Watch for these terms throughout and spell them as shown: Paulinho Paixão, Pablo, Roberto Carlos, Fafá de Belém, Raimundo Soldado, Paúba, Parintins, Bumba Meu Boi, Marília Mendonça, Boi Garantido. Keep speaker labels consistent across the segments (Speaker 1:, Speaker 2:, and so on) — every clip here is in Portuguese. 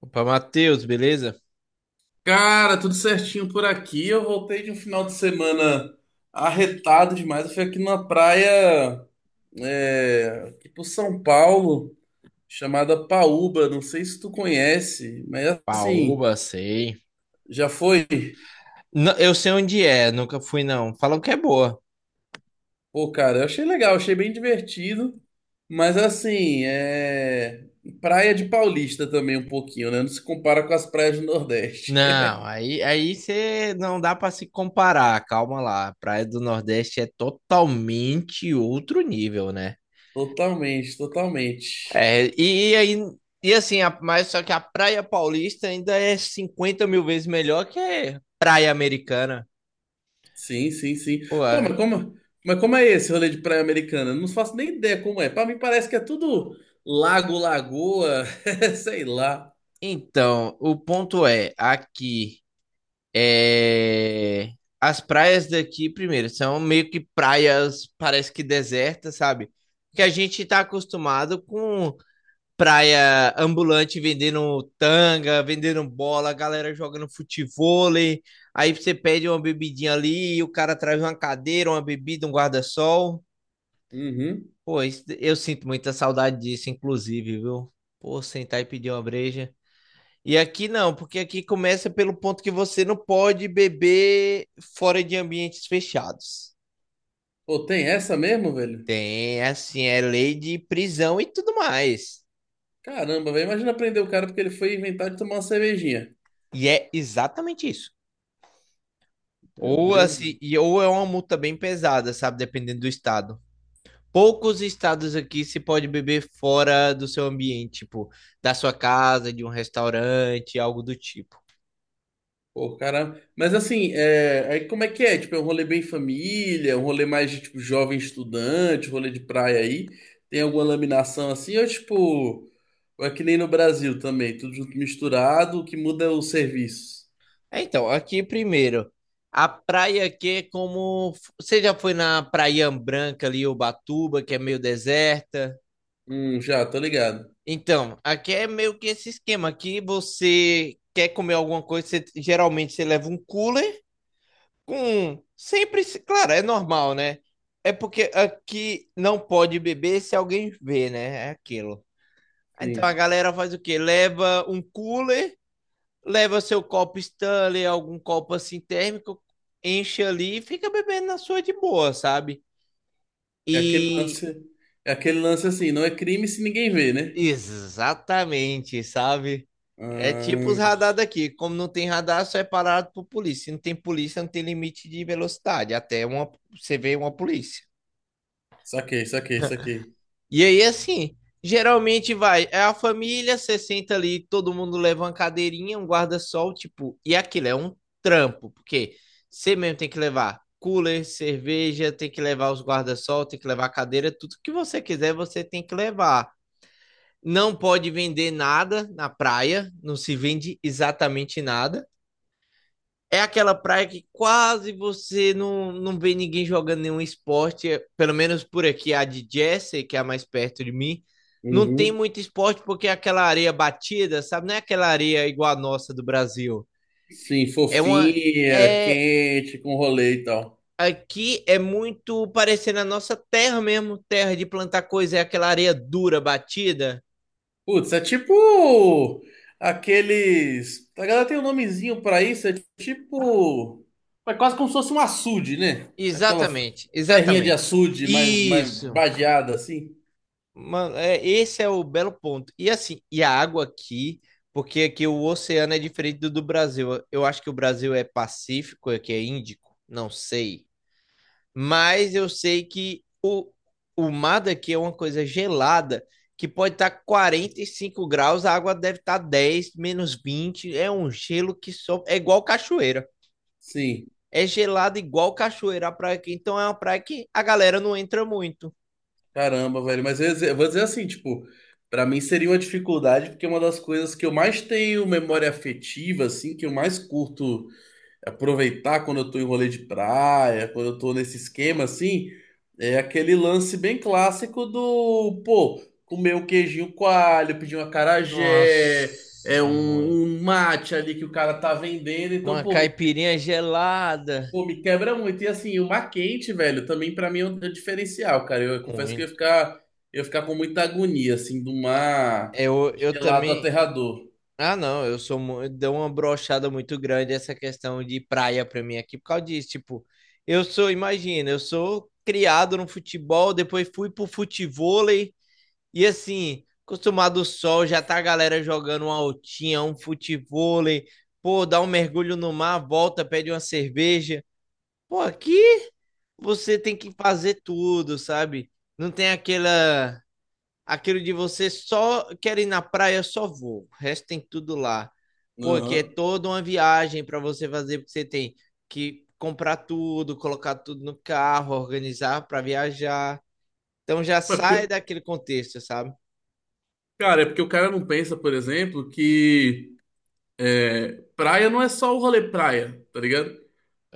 Speaker 1: Opa, Matheus, beleza?
Speaker 2: Cara, tudo certinho por aqui. Eu voltei de um final de semana arretado demais. Eu fui aqui numa praia, é, aqui por São Paulo, chamada Paúba. Não sei se tu conhece, mas assim,
Speaker 1: Paoba, sei.
Speaker 2: já foi.
Speaker 1: Não, eu sei onde é, nunca fui não. Falam que é boa.
Speaker 2: Pô, cara, eu achei legal, achei bem divertido. Mas assim, é praia de paulista também um pouquinho, né? Não se compara com as praias do Nordeste.
Speaker 1: Não, aí você não dá pra se comparar, calma lá. Praia do Nordeste é totalmente outro nível, né?
Speaker 2: Totalmente, totalmente.
Speaker 1: É, e aí e assim, mas só que a Praia Paulista ainda é 50 mil vezes melhor que a Praia Americana.
Speaker 2: Sim, sim, sim.
Speaker 1: Pô,
Speaker 2: Pô, mas como é esse rolê de praia americana? Eu não faço nem ideia como é. Pra mim parece que é tudo lago, lagoa, sei lá.
Speaker 1: então, o ponto é aqui. É, As praias daqui, primeiro, são meio que praias, parece que desertas, sabe? Que a gente tá acostumado com praia ambulante vendendo tanga, vendendo bola, galera jogando futevôlei. Aí você pede uma bebidinha ali, e o cara traz uma cadeira, uma bebida, um guarda-sol.
Speaker 2: Uhum.
Speaker 1: Pô, eu sinto muita saudade disso, inclusive, viu? Pô, sentar e pedir uma breja. E aqui não, porque aqui começa pelo ponto que você não pode beber fora de ambientes fechados.
Speaker 2: Pô, tem essa mesmo, velho?
Speaker 1: Tem, assim, é lei de prisão e tudo mais.
Speaker 2: Caramba, velho. Imagina prender o cara porque ele foi inventar de tomar uma cervejinha.
Speaker 1: E é exatamente isso.
Speaker 2: Meu
Speaker 1: Ou
Speaker 2: Deus.
Speaker 1: assim, ou é uma multa bem pesada, sabe? Dependendo do estado. Poucos estados aqui se pode beber fora do seu ambiente, tipo, da sua casa, de um restaurante, algo do tipo.
Speaker 2: Pô, caramba. Mas assim, é, aí como é que é? Tipo, é um rolê bem família, um rolê mais de tipo jovem estudante, rolê de praia aí. Tem alguma laminação assim? Ou tipo, ou é que nem no Brasil também, tudo junto misturado, o que muda é o serviço.
Speaker 1: É, então, aqui primeiro, a praia que é como. Você já foi na Praia Branca ali, Ubatuba, que é meio deserta?
Speaker 2: Já, tô ligado.
Speaker 1: Então, aqui é meio que esse esquema. Aqui você quer comer alguma coisa, geralmente você leva um cooler com. Sempre. Claro, é normal, né? É porque aqui não pode beber se alguém vê, né? É aquilo. Então a
Speaker 2: Sim.
Speaker 1: galera faz o quê? Leva um cooler, leva seu copo Stanley, algum copo assim térmico, enche ali e fica bebendo na sua de boa, sabe?
Speaker 2: É aquele
Speaker 1: E
Speaker 2: lance, é aquele lance assim, não é crime se ninguém vê, né?
Speaker 1: exatamente, sabe? É tipo os
Speaker 2: Ah,
Speaker 1: radar daqui. Como não tem radar, só é parado por polícia. Se não tem polícia, não tem limite de velocidade. Até uma, você vê uma polícia.
Speaker 2: saquei, saquei, saquei.
Speaker 1: E aí, assim, geralmente vai, é a família, você senta ali, todo mundo leva uma cadeirinha, um guarda-sol, tipo, e aquilo é um trampo, porque você mesmo tem que levar cooler, cerveja, tem que levar os guarda-sol, tem que levar cadeira, tudo que você quiser, você tem que levar. Não pode vender nada na praia, não se vende exatamente nada. É aquela praia que quase você não vê ninguém jogando nenhum esporte, pelo menos por aqui, a de Jersey, que é a mais perto de mim, não tem
Speaker 2: Uhum.
Speaker 1: muito esporte porque é aquela areia batida, sabe? Não é aquela areia igual a nossa do Brasil.
Speaker 2: Sim,
Speaker 1: É uma
Speaker 2: fofinha,
Speaker 1: é
Speaker 2: quente, com rolê e tal.
Speaker 1: aqui é muito parecendo a nossa terra mesmo, terra de plantar coisa, é aquela areia dura batida.
Speaker 2: Putz, é tipo aqueles. A galera tem um nomezinho pra isso, é tipo. É quase como se fosse um açude, né? Aquelas
Speaker 1: Exatamente,
Speaker 2: terrinha de
Speaker 1: exatamente.
Speaker 2: açude mais
Speaker 1: Isso.
Speaker 2: badeada assim.
Speaker 1: Mano, é, esse é o belo ponto. E assim, e a água aqui, porque aqui o oceano é diferente do Brasil. Eu acho que o Brasil é Pacífico, aqui é Índico, não sei. Mas eu sei que o mar daqui é uma coisa gelada, que pode estar 45 graus, a água deve estar 10 menos vinte. É um gelo que só. É igual cachoeira.
Speaker 2: Sim,
Speaker 1: É gelado igual cachoeira a praia aqui. Então é uma praia que a galera não entra muito.
Speaker 2: caramba, velho. Mas eu vou dizer assim, tipo, pra mim seria uma dificuldade, porque é uma das coisas que eu mais tenho memória afetiva, assim, que eu mais curto. Aproveitar quando eu tô em rolê de praia, quando eu tô nesse esquema assim, é aquele lance bem clássico do, pô, comer um queijinho coalho, pedir um acarajé, é
Speaker 1: Nossa, mano.
Speaker 2: um mate ali que o cara tá vendendo, então,
Speaker 1: Uma caipirinha gelada.
Speaker 2: pô, me quebra muito. E assim, o mar quente, velho, também pra mim é um diferencial, cara. Eu confesso que eu ia
Speaker 1: Muito.
Speaker 2: ficar, eu ia ficar com muita agonia, assim, do mar
Speaker 1: Eu
Speaker 2: gelado
Speaker 1: também.
Speaker 2: aterrador.
Speaker 1: Ah, não. Deu uma brochada muito grande essa questão de praia pra mim aqui por causa disso. Tipo, eu sou, imagina, eu sou criado no futebol, depois fui pro futevôlei e assim, acostumado ao sol, já tá a galera jogando uma altinha, um futevôlei. Pô, dá um mergulho no mar, volta, pede uma cerveja. Pô, aqui você tem que fazer tudo, sabe? Não tem aquela aquilo de você só quer ir na praia, só vou. O resto tem tudo lá. Porque é
Speaker 2: Aham.
Speaker 1: toda uma viagem para você fazer, porque você tem que comprar tudo, colocar tudo no carro, organizar para viajar. Então já
Speaker 2: Mas porque,
Speaker 1: sai daquele contexto, sabe?
Speaker 2: cara, é porque o cara não pensa, por exemplo, que é, praia não é só o rolê praia, tá ligado?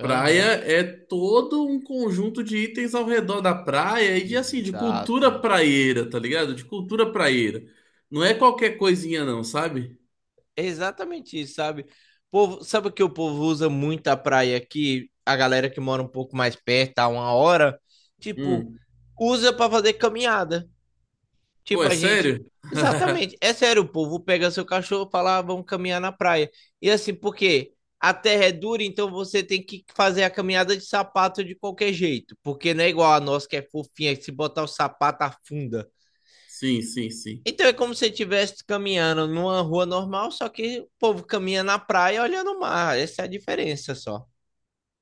Speaker 2: Praia é todo um conjunto de itens ao redor da praia e de, assim, de cultura
Speaker 1: Exato.
Speaker 2: praieira, tá ligado? De cultura praieira. Não é qualquer coisinha não, sabe?
Speaker 1: É exatamente isso, sabe? Povo, sabe que o povo usa muito a praia aqui? A galera que mora um pouco mais perto, a uma hora, tipo,
Speaker 2: Hum.
Speaker 1: usa para fazer caminhada.
Speaker 2: Pô,
Speaker 1: Tipo,
Speaker 2: é
Speaker 1: a gente.
Speaker 2: sério?
Speaker 1: Exatamente. É sério, o povo pega seu cachorro e fala, ah, vamos caminhar na praia. E assim, porque a terra é dura, então você tem que fazer a caminhada de sapato de qualquer jeito. Porque não é igual a nossa que é fofinha, que se botar o sapato afunda.
Speaker 2: Sim, sim, sim.
Speaker 1: Então é como se você estivesse caminhando numa rua normal, só que o povo caminha na praia olhando o mar. Essa é a diferença só.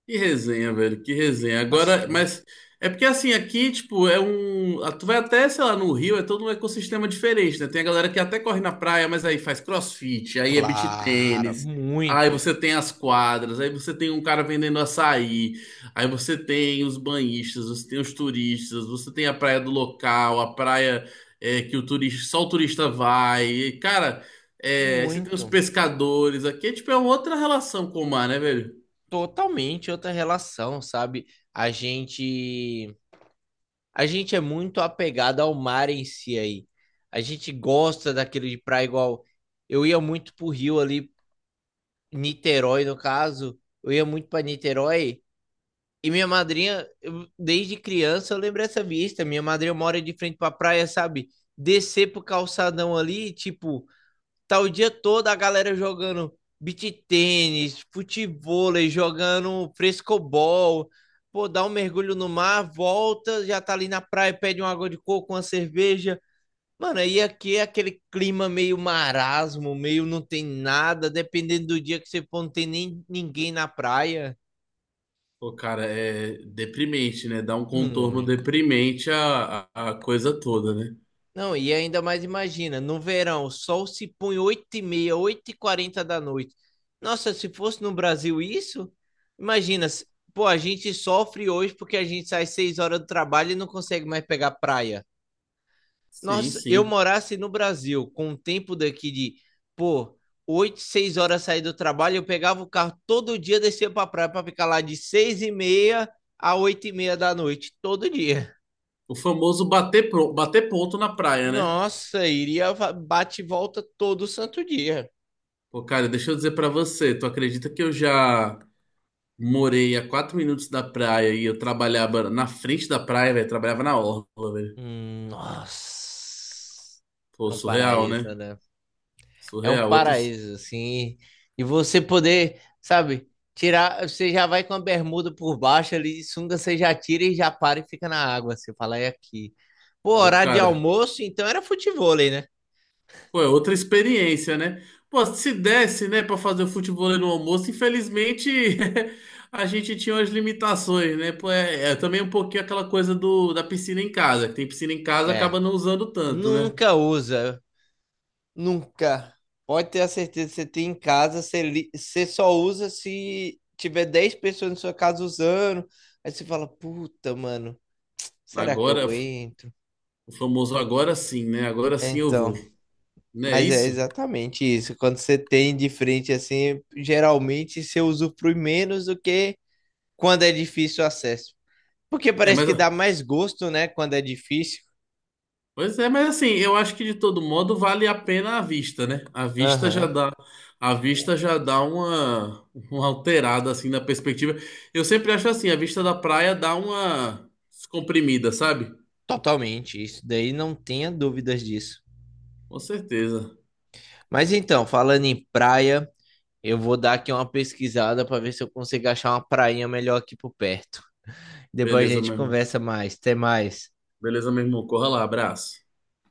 Speaker 2: Que resenha, velho, que resenha.
Speaker 1: Nossa,
Speaker 2: Agora,
Speaker 1: muito
Speaker 2: mas é porque assim, aqui, tipo, é um. Ah, tu vai até, sei lá, no Rio, é todo um ecossistema diferente, né? Tem a galera que até corre na praia, mas aí faz crossfit, aí é beach
Speaker 1: claro,
Speaker 2: tênis, aí
Speaker 1: muito,
Speaker 2: você tem as quadras, aí você tem um cara vendendo açaí, aí você tem os banhistas, você tem os turistas, você tem a praia do local, a praia é, que o turista, só o turista vai. E, cara, é, aí você tem os
Speaker 1: muito,
Speaker 2: pescadores aqui, é, tipo, é uma outra relação com o mar, né, velho?
Speaker 1: totalmente outra relação, sabe? A gente a gente é muito apegado ao mar em si aí. A gente gosta daquilo de praia igual. Eu ia muito pro Rio ali, Niterói no caso. Eu ia muito pra Niterói e minha madrinha, desde criança eu lembro essa vista. Minha madrinha mora de frente pra praia, sabe? Descer pro calçadão ali, tipo, tá o dia todo a galera jogando beach tênis, futevôlei, jogando frescobol. Pô, dá um mergulho no mar, volta, já tá ali na praia, pede uma água de coco, uma cerveja. Mano, aí aqui é aquele clima meio marasmo, meio não tem nada, dependendo do dia que você for, não tem nem ninguém na praia.
Speaker 2: Pô, cara, é deprimente, né? Dá um contorno
Speaker 1: Muito.
Speaker 2: deprimente a coisa toda, né?
Speaker 1: Não, e ainda mais imagina, no verão, o sol se põe 8:30, 8:40 da noite. Nossa, se fosse no Brasil isso, imagina, pô, a gente sofre hoje porque a gente sai 6 horas do trabalho e não consegue mais pegar praia.
Speaker 2: Sim,
Speaker 1: Nossa, eu
Speaker 2: sim.
Speaker 1: morasse no Brasil, com o tempo daqui de, pô, oito, 6 horas sair do trabalho, eu pegava o carro todo dia, descia pra praia pra ficar lá de 6:30 a 8:30 da noite, todo dia.
Speaker 2: O famoso bater ponto na praia, né?
Speaker 1: Nossa, iria bate e volta todo santo dia.
Speaker 2: Pô, cara, deixa eu dizer pra você, tu acredita que eu já morei a 4 minutos da praia e eu trabalhava na frente da praia, velho? Trabalhava na orla, velho.
Speaker 1: Hum. Nossa.
Speaker 2: Pô,
Speaker 1: É um
Speaker 2: surreal,
Speaker 1: paraíso,
Speaker 2: né?
Speaker 1: né? É um
Speaker 2: Surreal. Outras.
Speaker 1: paraíso, assim. E você poder, sabe, tirar. Você já vai com a bermuda por baixo ali de sunga, você já tira e já para e fica na água. Você fala, é aqui. Pô,
Speaker 2: Pô,
Speaker 1: horário de
Speaker 2: cara.
Speaker 1: almoço, então era futevôlei, né?
Speaker 2: Pô, é outra experiência, né? Pô, se desse, né, pra fazer o futebol no almoço, infelizmente a gente tinha umas limitações, né? Pô, é também um pouquinho aquela coisa da piscina em casa. Que tem piscina em casa,
Speaker 1: É.
Speaker 2: acaba não usando tanto, né?
Speaker 1: Nunca usa. Nunca. Pode ter a certeza que você tem em casa, você só usa se tiver 10 pessoas na sua casa usando. Aí você fala, puta, mano, será que
Speaker 2: Agora,
Speaker 1: eu entro?
Speaker 2: o famoso agora sim, né? Agora
Speaker 1: É.
Speaker 2: sim eu vou.
Speaker 1: Então,
Speaker 2: Não é
Speaker 1: mas é
Speaker 2: isso?
Speaker 1: exatamente isso. Quando você tem de frente assim, geralmente você usufrui menos do que quando é difícil o acesso. Porque
Speaker 2: É,
Speaker 1: parece
Speaker 2: mas.
Speaker 1: que dá mais gosto, né, quando é difícil.
Speaker 2: Pois é, mas assim, eu acho que de todo modo vale a pena a vista, né? A vista já
Speaker 1: Aham,
Speaker 2: dá, a vista já dá uma alterada assim na perspectiva. Eu sempre acho assim, a vista da praia dá uma descomprimida, sabe?
Speaker 1: totalmente. Isso daí não tenha dúvidas disso.
Speaker 2: Com certeza.
Speaker 1: Mas então, falando em praia. Eu vou dar aqui uma pesquisada para ver se eu consigo achar uma prainha melhor aqui por perto. Depois a
Speaker 2: Beleza,
Speaker 1: gente
Speaker 2: meu irmão.
Speaker 1: conversa mais. Até mais.
Speaker 2: Beleza, meu irmão. Corra lá, abraço.